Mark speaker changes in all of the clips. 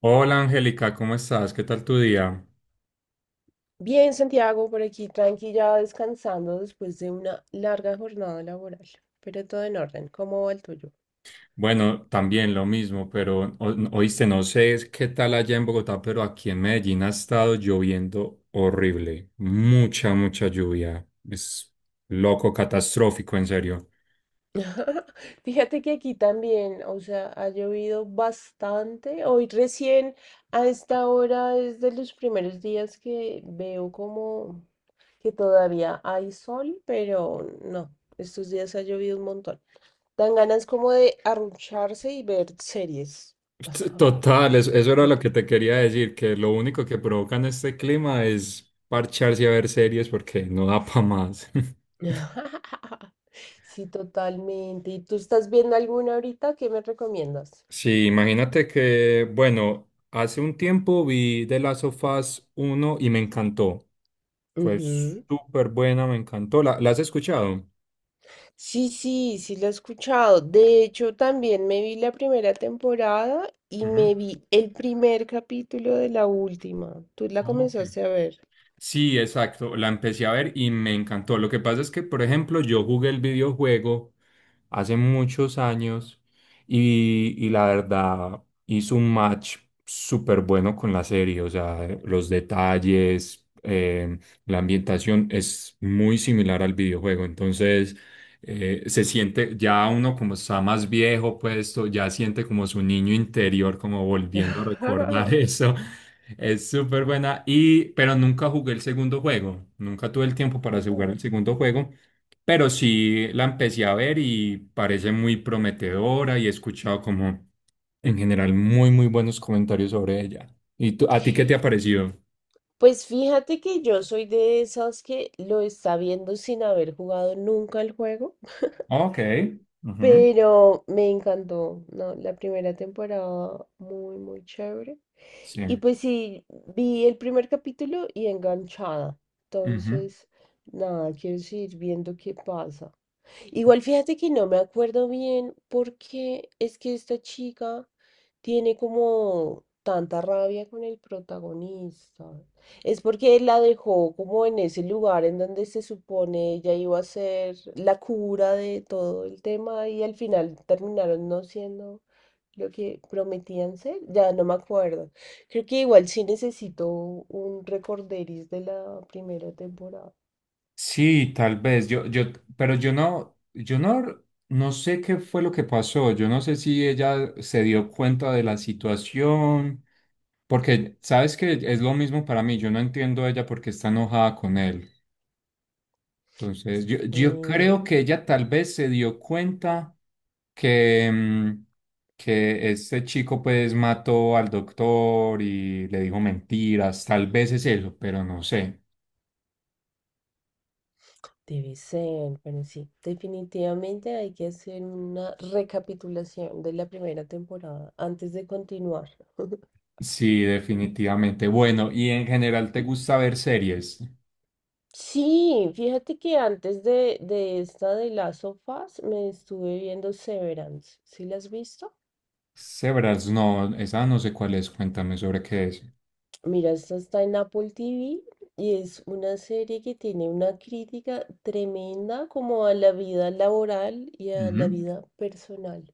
Speaker 1: Hola Angélica, ¿cómo estás? ¿Qué tal tu día?
Speaker 2: Bien, Santiago, por aquí tranquila, descansando después de una larga jornada laboral, pero todo en orden. ¿Cómo va el tuyo?
Speaker 1: Bueno, también lo mismo, pero oíste, no sé qué tal allá en Bogotá, pero aquí en Medellín ha estado lloviendo horrible. Mucha, mucha lluvia. Es loco, catastrófico, en serio.
Speaker 2: Fíjate que aquí también, o sea, ha llovido bastante. Hoy recién a esta hora es de los primeros días que veo como que todavía hay sol, pero no, estos días ha llovido un montón. Dan ganas como de arrucharse y ver series.
Speaker 1: Total, eso era lo que te quería decir, que lo único que provocan este clima es parcharse a ver series porque no da para más.
Speaker 2: Sí, totalmente. ¿Y tú estás viendo alguna ahorita? ¿Qué me recomiendas?
Speaker 1: Sí, imagínate que, bueno, hace un tiempo vi The Last of Us 1 y me encantó. Fue súper buena, me encantó. ¿La has escuchado?
Speaker 2: Sí, sí, sí lo he escuchado. De hecho, también me vi la primera temporada y
Speaker 1: Ujú.
Speaker 2: me vi el primer capítulo de la última. ¿Tú la
Speaker 1: Ah, ok.
Speaker 2: comenzaste a ver?
Speaker 1: Sí, exacto, la empecé a ver y me encantó. Lo que pasa es que, por ejemplo, yo jugué el videojuego hace muchos años y la verdad hizo un match súper bueno con la serie. O sea, los detalles, la ambientación es muy similar al videojuego. Entonces, se siente ya uno como está más viejo puesto, ya siente como su niño interior, como volviendo a recordar eso. Es súper buena y pero nunca jugué el segundo juego, nunca tuve el tiempo para jugar el segundo juego, pero sí la empecé a ver y parece muy prometedora y he escuchado como en general muy muy buenos comentarios sobre ella. ¿Y tú, a ti qué te ha parecido?
Speaker 2: Pues fíjate que yo soy de esas que lo está viendo sin haber jugado nunca el juego,
Speaker 1: Ok. Ujú.
Speaker 2: pero me encantó, ¿no? La primera temporada muy, muy chévere.
Speaker 1: Sí.
Speaker 2: Y pues sí, vi el primer capítulo y enganchada.
Speaker 1: Ujú.
Speaker 2: Entonces, nada, quiero seguir viendo qué pasa. Igual fíjate que no me acuerdo bien porque es que esta chica tiene como tanta rabia con el protagonista. Es porque él la dejó como en ese lugar en donde se supone ella iba a ser la cura de todo el tema y al final terminaron no siendo lo que prometían ser. Ya no me acuerdo. Creo que igual sí necesito un recorderis de la primera temporada.
Speaker 1: Sí, tal vez. Pero yo no, yo no, no sé qué fue lo que pasó. Yo no sé si ella se dio cuenta de la situación. Porque, ¿sabes que es lo mismo para mí? Yo no entiendo a ella porque está enojada con él. Entonces, yo
Speaker 2: Mm.
Speaker 1: creo que ella tal vez se dio cuenta que, mm, que este chico pues mató al doctor y le dijo mentiras. Tal vez es eso, pero no sé.
Speaker 2: Debe ser, pero sí, definitivamente hay que hacer una recapitulación de la primera temporada antes de continuar.
Speaker 1: Sí, definitivamente. Bueno, y en general, ¿te gusta ver series?
Speaker 2: Sí, fíjate que antes de esta de Last of Us me estuve viendo Severance. ¿Sí la has visto?
Speaker 1: Severance, no, esa no sé cuál es. Cuéntame sobre qué es.
Speaker 2: Mira, esta está en Apple TV y es una serie que tiene una crítica tremenda como a la vida laboral y a
Speaker 1: Ujú,
Speaker 2: la vida personal.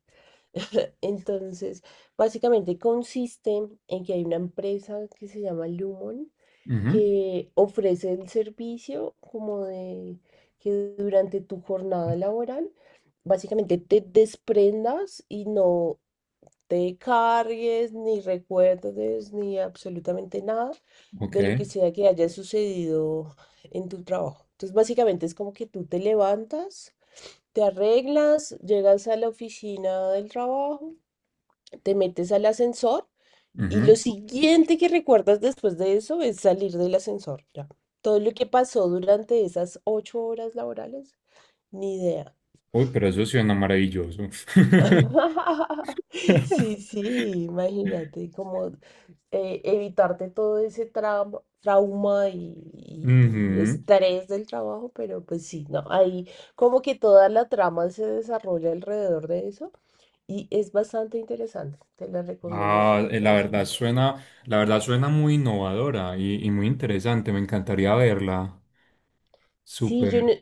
Speaker 2: Entonces, básicamente consiste en que hay una empresa que se llama Lumon
Speaker 1: ujú.
Speaker 2: que ofrece el servicio como de que durante tu jornada laboral básicamente te desprendas y no te cargues, ni recuerdes, ni absolutamente nada
Speaker 1: Ok.
Speaker 2: de lo que sea que haya sucedido en tu trabajo. Entonces, básicamente es como que tú te levantas, te arreglas, llegas a la oficina del trabajo, te metes al ascensor y
Speaker 1: Ujú.
Speaker 2: lo siguiente que recuerdas después de eso es salir del ascensor, ya. Todo lo que pasó durante esas ocho horas laborales, ni idea.
Speaker 1: Uy, pero eso suena maravilloso.
Speaker 2: Sí, sí, imagínate como evitarte todo ese trauma, trauma y
Speaker 1: Ujú.
Speaker 2: estrés del trabajo, pero pues sí, no, ahí como que toda la trama se desarrolla alrededor de eso y es bastante interesante, te la recomiendo si
Speaker 1: Ah,
Speaker 2: la
Speaker 1: la
Speaker 2: puedes
Speaker 1: verdad
Speaker 2: ver.
Speaker 1: suena, la verdad suena muy innovadora y muy interesante. Me encantaría verla.
Speaker 2: Sí,
Speaker 1: Súper.
Speaker 2: yo no,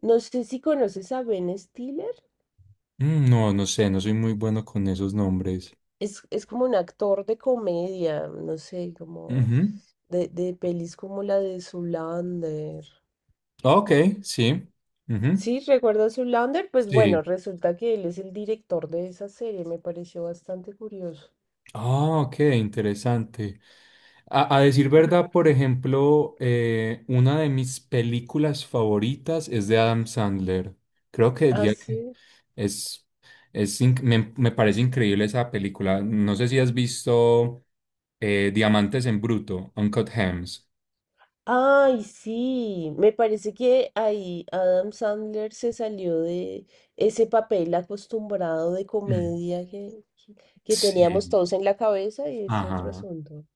Speaker 2: no sé si conoces a Ben Stiller,
Speaker 1: Mm. No, no sé, no soy muy bueno con esos nombres.
Speaker 2: es como un actor de comedia, no sé, como
Speaker 1: Ujú.
Speaker 2: de pelis como la de Zoolander.
Speaker 1: Ok, sí. Ujú.
Speaker 2: Sí, ¿recuerdas Zoolander? Pues
Speaker 1: Sí.
Speaker 2: bueno, resulta que él es el director de esa serie, me pareció bastante curioso.
Speaker 1: Ah, ok, interesante. A decir verdad, por ejemplo, una de mis películas favoritas es de Adam Sandler. Creo que
Speaker 2: Ah,
Speaker 1: diría que
Speaker 2: sí.
Speaker 1: es, me parece increíble esa película. No sé si has visto Diamantes en Bruto, Uncut Gems.
Speaker 2: Ay, sí, me parece que ahí Adam Sandler se salió de ese papel acostumbrado de
Speaker 1: Mm.
Speaker 2: comedia que teníamos
Speaker 1: Sí.
Speaker 2: todos en la cabeza y es otro
Speaker 1: Ajá.
Speaker 2: asunto.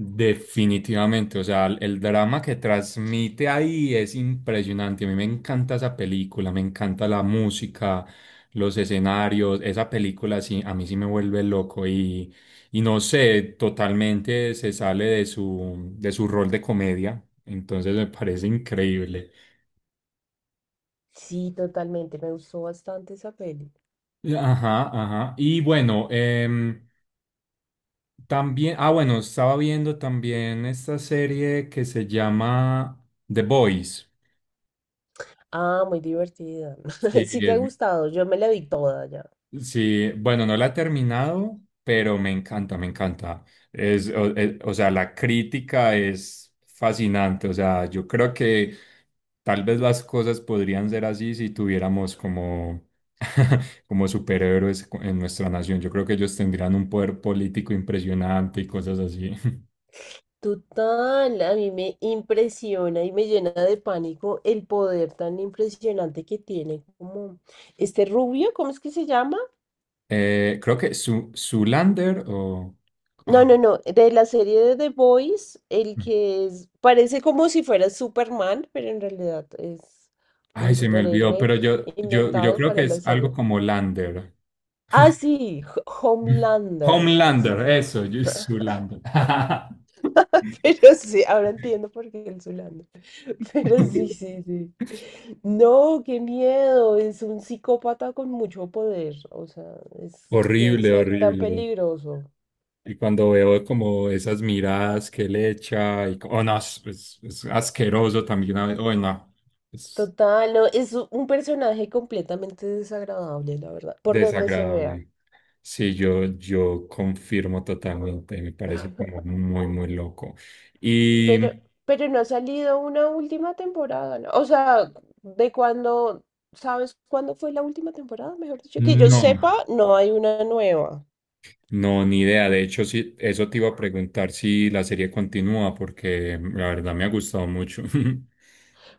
Speaker 1: Definitivamente, o sea, el drama que transmite ahí es impresionante. A mí me encanta esa película, me encanta la música, los escenarios. Esa película sí, a mí sí me vuelve loco y no sé, totalmente se sale de su rol de comedia. Entonces me parece increíble.
Speaker 2: Sí, totalmente, me gustó bastante esa peli.
Speaker 1: Ajá, ajá. Y bueno, también, ah, bueno, estaba viendo también esta serie que se llama The Boys.
Speaker 2: Ah, muy divertida.
Speaker 1: Sí,
Speaker 2: Sí te ha
Speaker 1: es
Speaker 2: gustado, yo me la vi toda ya.
Speaker 1: Sí, bueno, no la he terminado, pero me encanta, me encanta. O sea, la crítica es fascinante. O sea, yo creo que tal vez las cosas podrían ser así si tuviéramos como, como superhéroes en nuestra nación. Yo creo que ellos tendrían un poder político impresionante y cosas así.
Speaker 2: Total, a mí me impresiona y me llena de pánico el poder tan impresionante que tiene como este rubio, ¿cómo es que se llama?
Speaker 1: Creo que su Zoolander o,
Speaker 2: No,
Speaker 1: ah,
Speaker 2: no, no, de la serie de The Boys, el
Speaker 1: mm,
Speaker 2: que parece como si fuera Superman, pero en realidad es
Speaker 1: ay,
Speaker 2: un
Speaker 1: se me olvidó,
Speaker 2: superhéroe
Speaker 1: pero yo
Speaker 2: inventado
Speaker 1: creo
Speaker 2: para
Speaker 1: que
Speaker 2: la
Speaker 1: es algo
Speaker 2: serie.
Speaker 1: como Lander.
Speaker 2: Ah, sí, Homelander.
Speaker 1: Homelander,
Speaker 2: Sí.
Speaker 1: eso, yo Zoolander.
Speaker 2: Pero sí, ahora entiendo por qué el Zulanda. Pero sí, sí, sí. No, qué miedo. Es un psicópata con mucho poder. O sea, es que
Speaker 1: Horrible,
Speaker 2: ser tan
Speaker 1: horrible.
Speaker 2: peligroso.
Speaker 1: Y cuando veo como esas miradas que le echa, oh no, es asqueroso también. Oh no, es
Speaker 2: Total, no, es un personaje completamente desagradable, la verdad, por donde se vea.
Speaker 1: desagradable. Sí, yo confirmo totalmente, me parece como muy, muy loco. Y
Speaker 2: Pero, pero no ha salido una última temporada, ¿no? O sea, de cuando, ¿sabes cuándo fue la última temporada? Mejor dicho, que yo
Speaker 1: no.
Speaker 2: sepa, no hay una nueva.
Speaker 1: No, ni idea. De hecho, sí, eso te iba a preguntar si la serie continúa, porque la verdad me ha gustado mucho.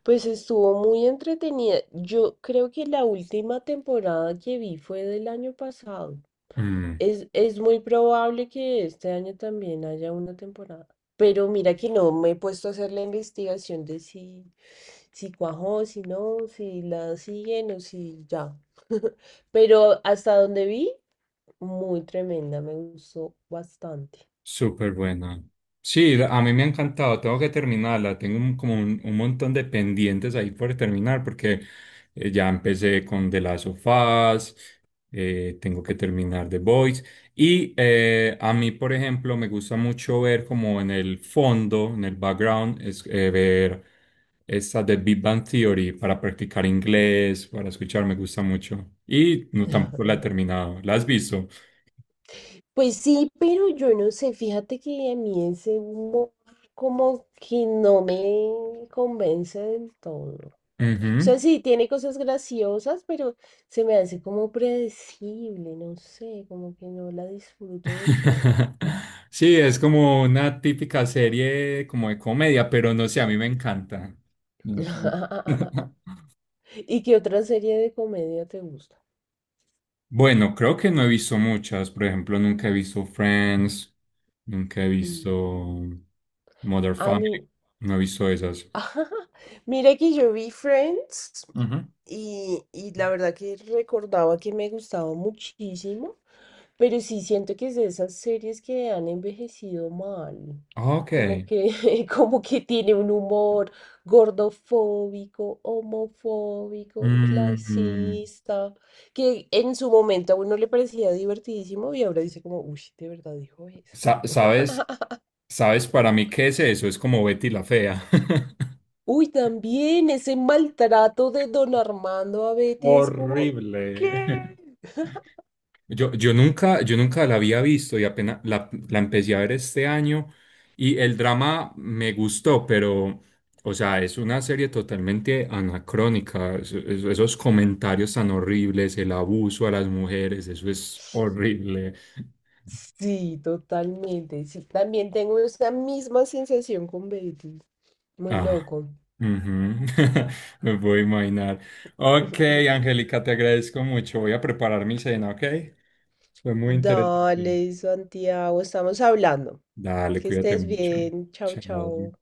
Speaker 2: Pues estuvo muy entretenida. Yo creo que la última temporada que vi fue del año pasado.
Speaker 1: Mm.
Speaker 2: Es muy probable que este año también haya una temporada. Pero mira que no me he puesto a hacer la investigación de si, si cuajó, si no, si la siguen o si ya. Pero hasta donde vi, muy tremenda, me gustó bastante.
Speaker 1: Súper buena. Sí, a mí me ha encantado, tengo que terminarla, tengo como un montón de pendientes ahí por terminar porque ya empecé con The Last of Us, tengo que terminar The Boys y a mí, por ejemplo, me gusta mucho ver como en el fondo, en el background, ver esta de Big Bang Theory para practicar inglés, para escuchar, me gusta mucho. Y no, tampoco la he terminado, ¿la has visto?
Speaker 2: Pues sí, pero yo no sé, fíjate que a mí ese humor como que no me convence del todo. O sea,
Speaker 1: Ujú.
Speaker 2: sí, tiene cosas graciosas, pero se me hace como predecible, no sé, como que no la disfruto del todo.
Speaker 1: Sí, es como una típica serie como de comedia, pero no sé, a mí me encanta. Me encanta.
Speaker 2: ¿Y qué otra serie de comedia te gusta?
Speaker 1: Bueno, creo que no he visto muchas. Por ejemplo, nunca he visto Friends, nunca he visto
Speaker 2: Mm.
Speaker 1: Mother
Speaker 2: A mí,
Speaker 1: Family, no he visto esas.
Speaker 2: mira que yo vi Friends,
Speaker 1: Ujú.
Speaker 2: y la verdad que recordaba que me gustaba muchísimo, pero sí siento que es de esas series que han envejecido mal.
Speaker 1: Ok.
Speaker 2: Como que, como que tiene un humor gordofóbico, homofóbico,
Speaker 1: Mm,
Speaker 2: clasista, que en su momento a uno le parecía divertidísimo y ahora dice como, uy, de verdad dijo eso.
Speaker 1: ¿Sabes? ¿Sabes para mí qué es eso? Es como Betty la Fea.
Speaker 2: Uy, también ese maltrato de don Armando a Betty es como,
Speaker 1: Horrible.
Speaker 2: ¿qué?
Speaker 1: Yo nunca la había visto y apenas la empecé a ver este año y el drama me gustó, pero, o sea, es una serie totalmente anacrónica. Esos comentarios tan horribles, el abuso a las mujeres, eso es horrible.
Speaker 2: Sí, totalmente. Sí, también tengo esa misma sensación con Beatles. Muy
Speaker 1: Ah,
Speaker 2: loco.
Speaker 1: ujú. Me puedo imaginar. Ok, Angélica, te agradezco mucho. Voy a preparar mi cena, ¿ok? Fue muy interesante.
Speaker 2: Dale, Santiago, estamos hablando.
Speaker 1: Dale,
Speaker 2: Que
Speaker 1: cuídate
Speaker 2: estés
Speaker 1: mucho.
Speaker 2: bien. Chao,
Speaker 1: Chao.
Speaker 2: chao.